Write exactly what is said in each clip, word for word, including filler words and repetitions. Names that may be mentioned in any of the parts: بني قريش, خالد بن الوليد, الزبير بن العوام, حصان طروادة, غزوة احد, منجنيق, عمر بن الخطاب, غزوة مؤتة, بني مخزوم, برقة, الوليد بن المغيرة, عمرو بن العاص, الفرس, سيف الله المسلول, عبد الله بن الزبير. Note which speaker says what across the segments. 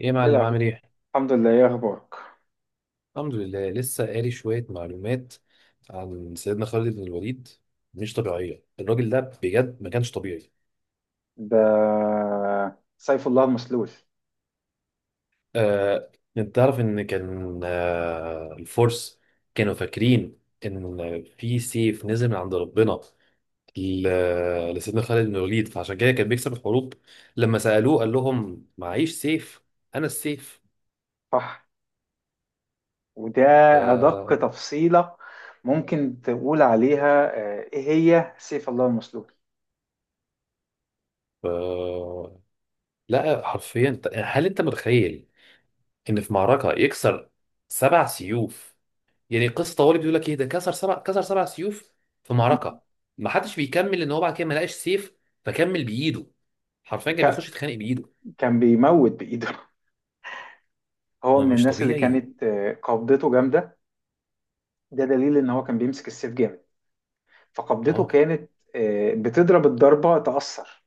Speaker 1: ايه يا
Speaker 2: ايه
Speaker 1: معلم، عامل
Speaker 2: الأخبار؟
Speaker 1: ايه؟
Speaker 2: الحمد لله، ايه اخبارك.
Speaker 1: الحمد لله، لسه قاري شوية معلومات عن سيدنا خالد بن الوليد. مش طبيعية الراجل ده بجد، ما كانش طبيعي.
Speaker 2: ده سيف الله المسلول.
Speaker 1: آه، انت تعرف ان كان آه، الفرس كانوا فاكرين ان في سيف نزل من عند ربنا ل- لسيدنا خالد بن الوليد، فعشان كده كان بيكسب الحروب. لما سألوه قال لهم معيش سيف، انا السيف.
Speaker 2: صح. وده ادق
Speaker 1: ف...
Speaker 2: تفصيلة ممكن تقول عليها، آه، ايه هي سيف الله المسلول؟
Speaker 1: ف... لا، حرفيا هل انت متخيل ان في معركه يكسر سبع سيوف؟ يعني قصه طوالي بيقول لك ايه ده، كسر سبع كسر سبع سيوف في
Speaker 2: مم.
Speaker 1: معركه. ما حدش بيكمل ان هو بعد كده ما لقاش سيف فكمل بايده، حرفيا كان بيخش
Speaker 2: ك-
Speaker 1: يتخانق بايده.
Speaker 2: كان بيموت بايده هو
Speaker 1: هو
Speaker 2: من
Speaker 1: مش
Speaker 2: الناس اللي
Speaker 1: طبيعي.
Speaker 2: كانت آه، قبضته جامدة. ده دليل ان هو كان بيمسك السيف جامد، فقبضته
Speaker 1: اه،
Speaker 2: كانت آه، بتضرب الضربة تأثر.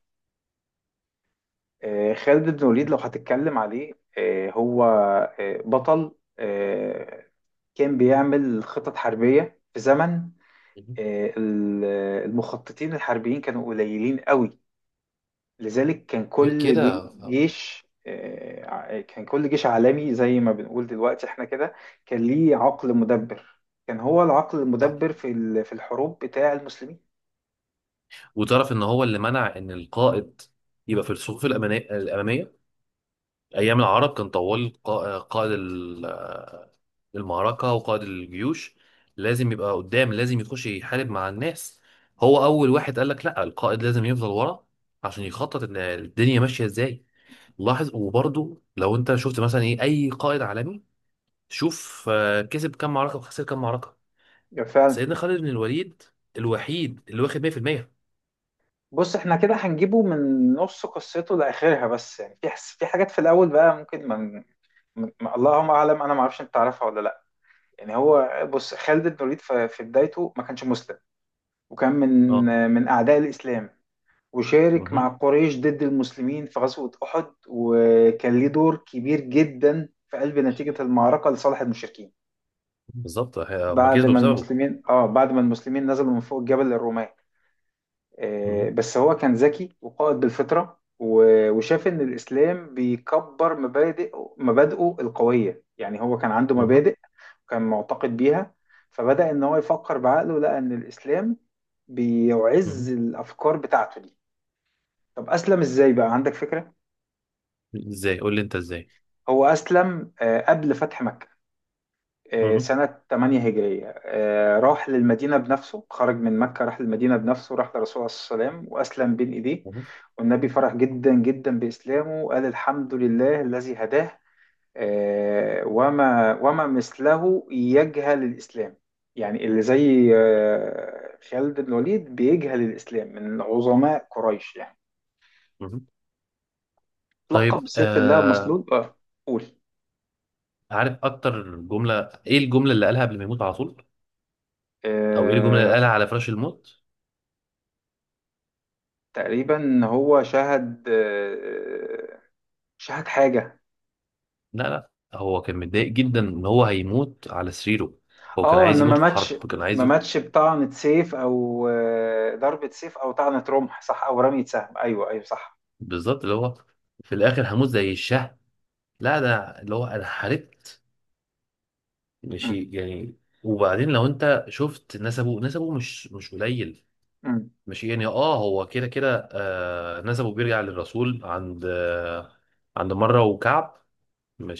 Speaker 2: آه، خالد بن وليد لو هتتكلم عليه، آه، هو آه، بطل. آه، كان بيعمل خطط حربية في زمن آه، ال- المخططين الحربيين كانوا قليلين قوي. لذلك كان
Speaker 1: غير
Speaker 2: كل جي-
Speaker 1: كده.
Speaker 2: جيش، آه، ع- كان كل جيش عالمي زي ما بنقول دلوقتي احنا كده. كان ليه عقل مدبر. كان هو العقل
Speaker 1: صح،
Speaker 2: المدبر في ال- في الحروب بتاع المسلمين.
Speaker 1: وتعرف ان هو اللي منع ان القائد يبقى في الصفوف الأمانا- الاماميه. أيام العرب كان طوال قا- قائد ال- المعركة وقائد الجيوش لازم يبقى قدام، لازم يخش يحارب مع الناس. هو أول واحد قال لك لا، القائد لازم يفضل ورا عشان يخطط إن الدنيا ماشية إزاي. لاحظ، وبرضه لو أنت شفت مثلا إيه، أي قائد عالمي شوف آه، كسب كام معركة وخسر كام معركة.
Speaker 2: يعني فعلا.
Speaker 1: سيدنا خالد بن الوليد الوحيد اللي واخد ميه في الميه.
Speaker 2: بص، احنا كده هنجيبه من نص قصته لاخرها، بس يعني في حس، في حاجات في الاول بقى ممكن ما ما- اللهم اعلم، انا ما اعرفش انت تعرفها ولا لا. يعني هو، بص، خالد بن الوليد في في بدايته ما كانش مسلم، وكان من
Speaker 1: اه.
Speaker 2: من اعداء الاسلام. وشارك
Speaker 1: مهم.
Speaker 2: مع قريش ضد المسلمين في غزوة احد، وكان ليه دور كبير جدا في قلب نتيجة المعركة لصالح المشركين
Speaker 1: بالظبط هم
Speaker 2: بعد
Speaker 1: كسبوا
Speaker 2: ما
Speaker 1: بسببه.
Speaker 2: المسلمين اه بعد ما المسلمين نزلوا من فوق الجبل للرومان. آه،
Speaker 1: مهم.
Speaker 2: بس هو كان ذكي وقائد بالفطرة و- وشاف إن الإسلام بيكبر مبادئ مبادئه القوية. يعني هو كان عنده
Speaker 1: مهم.
Speaker 2: مبادئ وكان معتقد بيها. فبدأ إن هو يفكر بعقله، لقى إن الإسلام بيعز
Speaker 1: مهم.
Speaker 2: الأفكار بتاعته دي. طب أسلم إزاي بقى، عندك فكرة؟
Speaker 1: ازاي، قول لي انت ازاي.
Speaker 2: هو أسلم آه، قبل فتح مكة، آه، سنة ثمانية هجرية. آه، راح للمدينة بنفسه، خرج من مكة، راح للمدينة بنفسه، راح للرسول عليه الصلاة والسلام وأسلم بين إيديه.
Speaker 1: مهم.
Speaker 2: والنبي فرح جدا جدا بإسلامه، وقال: الحمد لله الذي هداه. آه، وما وما مثله يجهل الإسلام. يعني اللي زي آه، خالد بن الوليد بيجهل الإسلام من عظماء قريش يعني.
Speaker 1: مهم. طيب.
Speaker 2: لقب بسيف الله
Speaker 1: آه
Speaker 2: مسلول. اه، قول.
Speaker 1: عارف اكتر جمله، ايه الجمله اللي قالها قبل ما يموت على طول؟ او ايه الجمله اللي
Speaker 2: آه،
Speaker 1: قالها على فراش الموت؟
Speaker 2: تقريبا هو شهد، آه، مش هات حاجة.
Speaker 1: لا لا، هو كان متضايق جدا ان هو هيموت على سريره. هو كان
Speaker 2: اه،
Speaker 1: عايز
Speaker 2: انه ما
Speaker 1: يموت في
Speaker 2: ماتش.
Speaker 1: حرب، كان عايز
Speaker 2: ما
Speaker 1: يموت.
Speaker 2: ماتش بطعنة سيف او آه، ضربة سيف او طعنة رمح، صح، او رمية سهم. ايوه، ايوه، صح.
Speaker 1: بالظبط، اللي هو في الاخر هموت زي الشهم، لا ده اللي هو انا حاربت.
Speaker 2: مم.
Speaker 1: ماشي يعني. وبعدين لو انت شفت نسبه، نسبه مش مش قليل.
Speaker 2: مم.
Speaker 1: ماشي يعني، اه هو كده كده، آه نسبه بيرجع للرسول عند آه عند مره وكعب.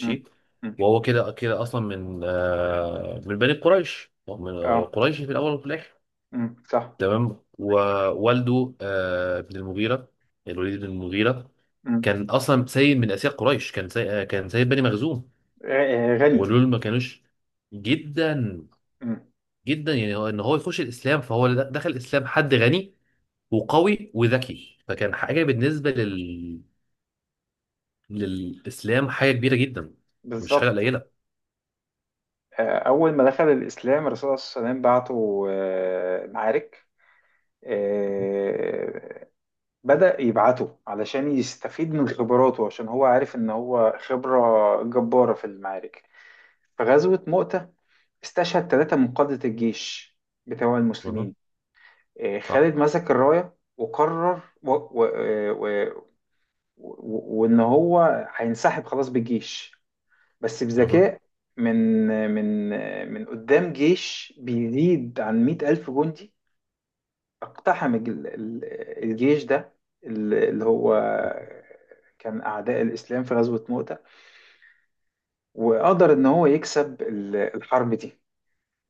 Speaker 2: مم. مم.
Speaker 1: وهو كده كده اصلا من آه، من بني قريش، هو من هو
Speaker 2: اه.
Speaker 1: قريشي في الاول وفي الاخر.
Speaker 2: مم. صح.
Speaker 1: تمام، ووالده آه، ابن المغيره، الوليد بن المغيره،
Speaker 2: مم.
Speaker 1: كان اصلا سيد من اسياد قريش، كان سيد آه، كان سيد بني مخزوم.
Speaker 2: غ- غني.
Speaker 1: ودول ما كانوش جدا
Speaker 2: مم.
Speaker 1: جدا يعني، هو ان هو يخش الاسلام، فهو د- دخل الاسلام حد غني وقوي وذكي، فكان حاجه بالنسبه لل... للاسلام، حاجه كبيره جدا، مش حاجه
Speaker 2: بالظبط.
Speaker 1: قليله.
Speaker 2: آه، اول ما دخل الاسلام الرسول صلى الله عليه وسلم بعته آه، معارك. آه، بدأ يبعته علشان يستفيد من خبراته، عشان هو عارف ان هو خبرة جبارة في المعارك. في غزوة مؤتة استشهد ثلاثة من قادة الجيش بتوع
Speaker 1: مهم.
Speaker 2: المسلمين. آه،
Speaker 1: صح.
Speaker 2: خالد مسك الراية وقرر و... و... آه، و... و... وإن هو هينسحب خلاص بالجيش، بس
Speaker 1: مهم.
Speaker 2: بذكاء. من من آه، من قدام جيش بيزيد عن مئة ألف جندي، اقتحم ال- ال- الجيش ده، ال- اللي هو كان أعداء الإسلام في غزوة مؤتة. وقدر إن هو يكسب ال- الحرب دي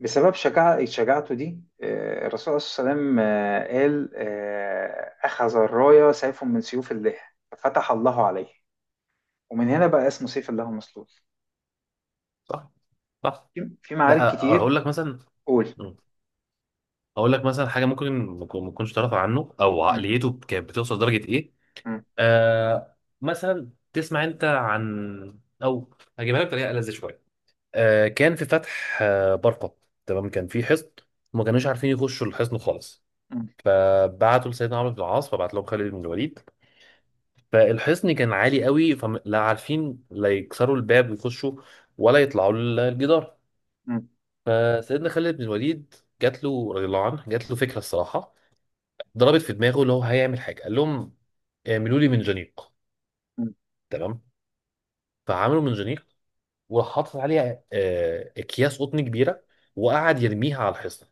Speaker 2: بسبب شجاع شجاعته دي. آه، الرسول عليه الصلاة والسلام، آه، قال آه، أخذ الراية سيف من سيوف الله، ففتح الله عليه. ومن هنا بقى اسمه سيف الله مسلول.
Speaker 1: صح. صح.
Speaker 2: في في معارك
Speaker 1: لا اقول
Speaker 2: كتير.
Speaker 1: لك مثلا،
Speaker 2: قول.
Speaker 1: اقول لك مثلا حاجه ممكن ما تكون- ما تكونش تعرف عنه، او
Speaker 2: مم.
Speaker 1: عقليته كانت بتوصل لدرجه ايه.
Speaker 2: مم.
Speaker 1: آه مثلا تسمع انت عن، او هجيبها لك بطريقه ألذ شويه. آه كان في فتح آه برقه، تمام. كان في حصن وما كانوش عارفين يخشوا الحصن خالص.
Speaker 2: مم.
Speaker 1: آه بعتوا لسيدنا عمرو بن العاص، فبعت لهم خالد بن الوليد. فالحصن كان عالي قوي، فلا عارفين لا يكسروا الباب ويخشوا ولا يطلعوا الجدار.
Speaker 2: مم.
Speaker 1: فسيدنا خالد بن الوليد جات له رضي الله عنه، جات له فكره، الصراحه ضربت في دماغه اللي هو هيعمل حاجه. قال لهم آه، اعملوا لي منجنيق.
Speaker 2: مم.
Speaker 1: تمام، فعملوا منجنيق، وراح حاطط عليه آه، اكياس قطن كبيره، وقعد يرميها على الحصن،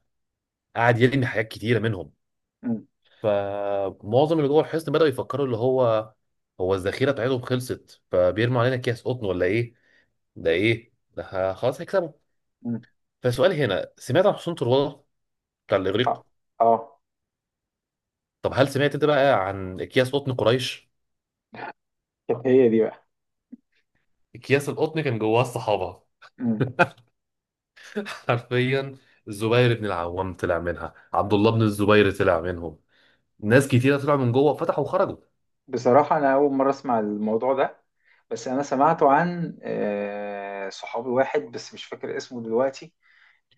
Speaker 1: قعد يرمي حاجات كتيره منهم.
Speaker 2: مم.
Speaker 1: فمعظم اللي جوه الحصن بداوا يفكروا اللي هو، هو الذخيره بتاعتهم خلصت فبيرموا علينا اكياس قطن ولا ايه، ده ايه ده، ه- خلاص هيكسبوا.
Speaker 2: مم.
Speaker 1: فسؤال هنا، سمعت عن حصان طروادة بتاع الاغريق؟
Speaker 2: اه. اه.
Speaker 1: طب هل سمعت انت بقى عن اكياس قطن قريش؟
Speaker 2: كانت هي دي بقى.
Speaker 1: اكياس القطن كان جواه الصحابه.
Speaker 2: مم.
Speaker 1: حرفيا الزبير بن العوام طلع منها، عبد الله بن الزبير طلع منهم، ناس كتيره طلعوا من جوه فتحوا وخرجوا.
Speaker 2: بصراحة أنا أول مرة أسمع الموضوع ده، بس أنا سمعته عن آه، صحابي واحد بس، مش فاكر اسمه دلوقتي.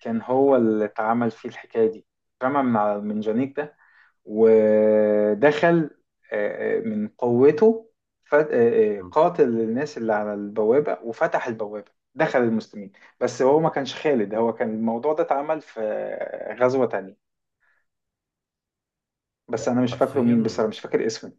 Speaker 2: كان هو اللي اتعمل فيه الحكاية دي، اترمى من على المنجنيك ده ودخل، آه، آه، من قوته، ف- آه، آه،
Speaker 1: مم.
Speaker 2: قاتل الناس اللي على البوابة وفتح البوابة دخل المسلمين. بس هو ما كانش خالد، هو كان الموضوع ده اتعمل في آه، غزوة تانية. بس
Speaker 1: لا
Speaker 2: أنا مش فاكره
Speaker 1: حرفيا.
Speaker 2: مين، بصراحة مش فاكر اسمه.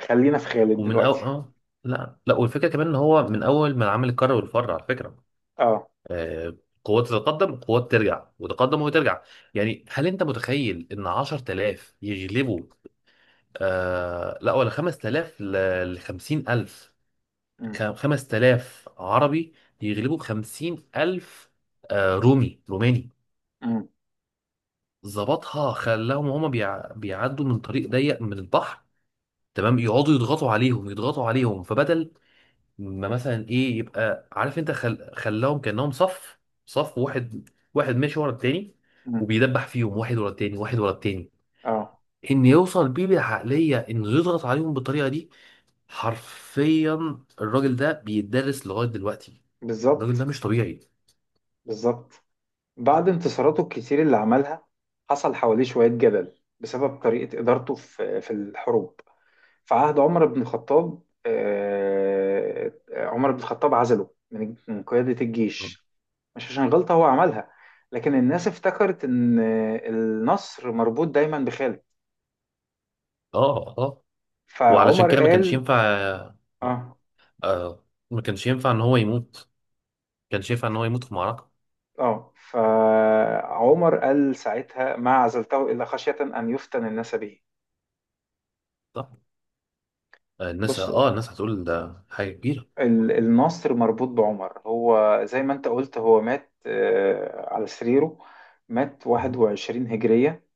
Speaker 2: خلينا في خالد
Speaker 1: ومن
Speaker 2: دلوقتي.
Speaker 1: أول اه، لا لا، والفكره كمان ان هو من اول ما العمل الكر والفر على فكره.
Speaker 2: اه.
Speaker 1: آه قوات تتقدم، قوات ترجع، وتقدم وترجع. يعني هل انت متخيل ان عشر تلاف يغلبوا؟ آه لا، ولا خمسة آلاف ل خمسين الف،
Speaker 2: أمم.
Speaker 1: خ- خمس تلاف عربي يغلبوا خمسين الف آه، رومي روماني.
Speaker 2: أمم.
Speaker 1: ظبطها، خلاهم هما بيع... بيعدوا من طريق ضيق من البحر. تمام، يقعدوا يضغطوا عليهم يضغطوا عليهم، فبدل ما مثلا ايه يبقى عارف انت، خل... خلاهم كأنهم صف صف واحد واحد ماشي ورا التاني،
Speaker 2: أمم.
Speaker 1: وبيدبح فيهم واحد ورا التاني واحد ورا التاني،
Speaker 2: اه.
Speaker 1: ان يوصل بيه بالعقلية انه يضغط عليهم بالطريقة دي. حرفيا الراجل ده بيتدرس لغاية دلوقتي، الراجل
Speaker 2: بالظبط.
Speaker 1: ده مش طبيعي.
Speaker 2: بالظبط. بعد انتصاراته الكتير اللي عملها حصل حواليه شوية جدل بسبب طريقة إدارته في في الحروب في عهد عمر بن الخطاب. آه، عمر بن الخطاب عزله من من قيادة الجيش، مش عشان غلطة هو عملها، لكن الناس افتكرت إن النصر مربوط دايما بخالد.
Speaker 1: اه اه، وعلشان
Speaker 2: فعمر
Speaker 1: كده ما كانش
Speaker 2: قال
Speaker 1: ينفع. آه.
Speaker 2: آه
Speaker 1: آه، ما كانش ينفع ان هو يموت، ما كانش ينفع ان هو يموت في معركه.
Speaker 2: آه فعمر قال ساعتها: ما عزلته إلا خشية أن يفتن الناس به.
Speaker 1: صح. آه، الناس
Speaker 2: بص،
Speaker 1: اه الناس هتقول ده حاجه كبيره.
Speaker 2: ال- النصر مربوط بعمر. هو زي ما انت قلت، هو مات آه، على سريره. مات
Speaker 1: مم.
Speaker 2: واحد وعشرين هجرية،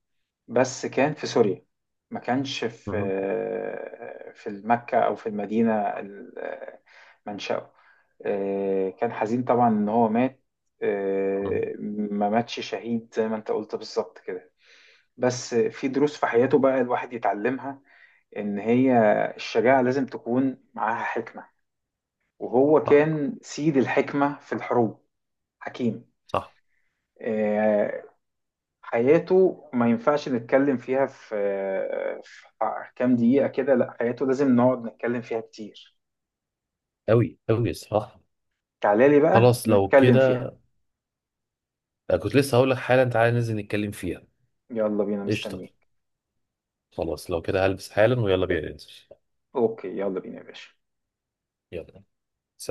Speaker 2: بس كان في سوريا، ما كانش في
Speaker 1: مم.
Speaker 2: آه، في مكة أو في المدينة. ال- آه، منشأه. آه، كان حزين طبعا إن هو مات.
Speaker 1: مم.
Speaker 2: آه، ما ماتش شهيد زي ما انت قلت بالظبط كده. بس في دروس في حياته بقى الواحد يتعلمها. إن هي الشجاعة لازم تكون معاها حكمة، وهو
Speaker 1: صح
Speaker 2: كان سيد الحكمة في الحروب. حكيم.
Speaker 1: صح،
Speaker 2: آه، حياته ما ينفعش نتكلم فيها في آه، في كام دقيقة كده، لا، حياته لازم نقعد نتكلم فيها كتير.
Speaker 1: قوي قوي، صح.
Speaker 2: تعالى لي بقى
Speaker 1: خلاص لو
Speaker 2: نتكلم فيها.
Speaker 1: كده، آه، كنت لسه هقول لك حالا، تعالى ننزل نتكلم فيها.
Speaker 2: يلا بينا،
Speaker 1: قشطه،
Speaker 2: مستنيك.
Speaker 1: خلاص لو كده هلبس حالا ويلا بينا ننزل.
Speaker 2: اوكي، يلا بينا يا باشا.
Speaker 1: يلا.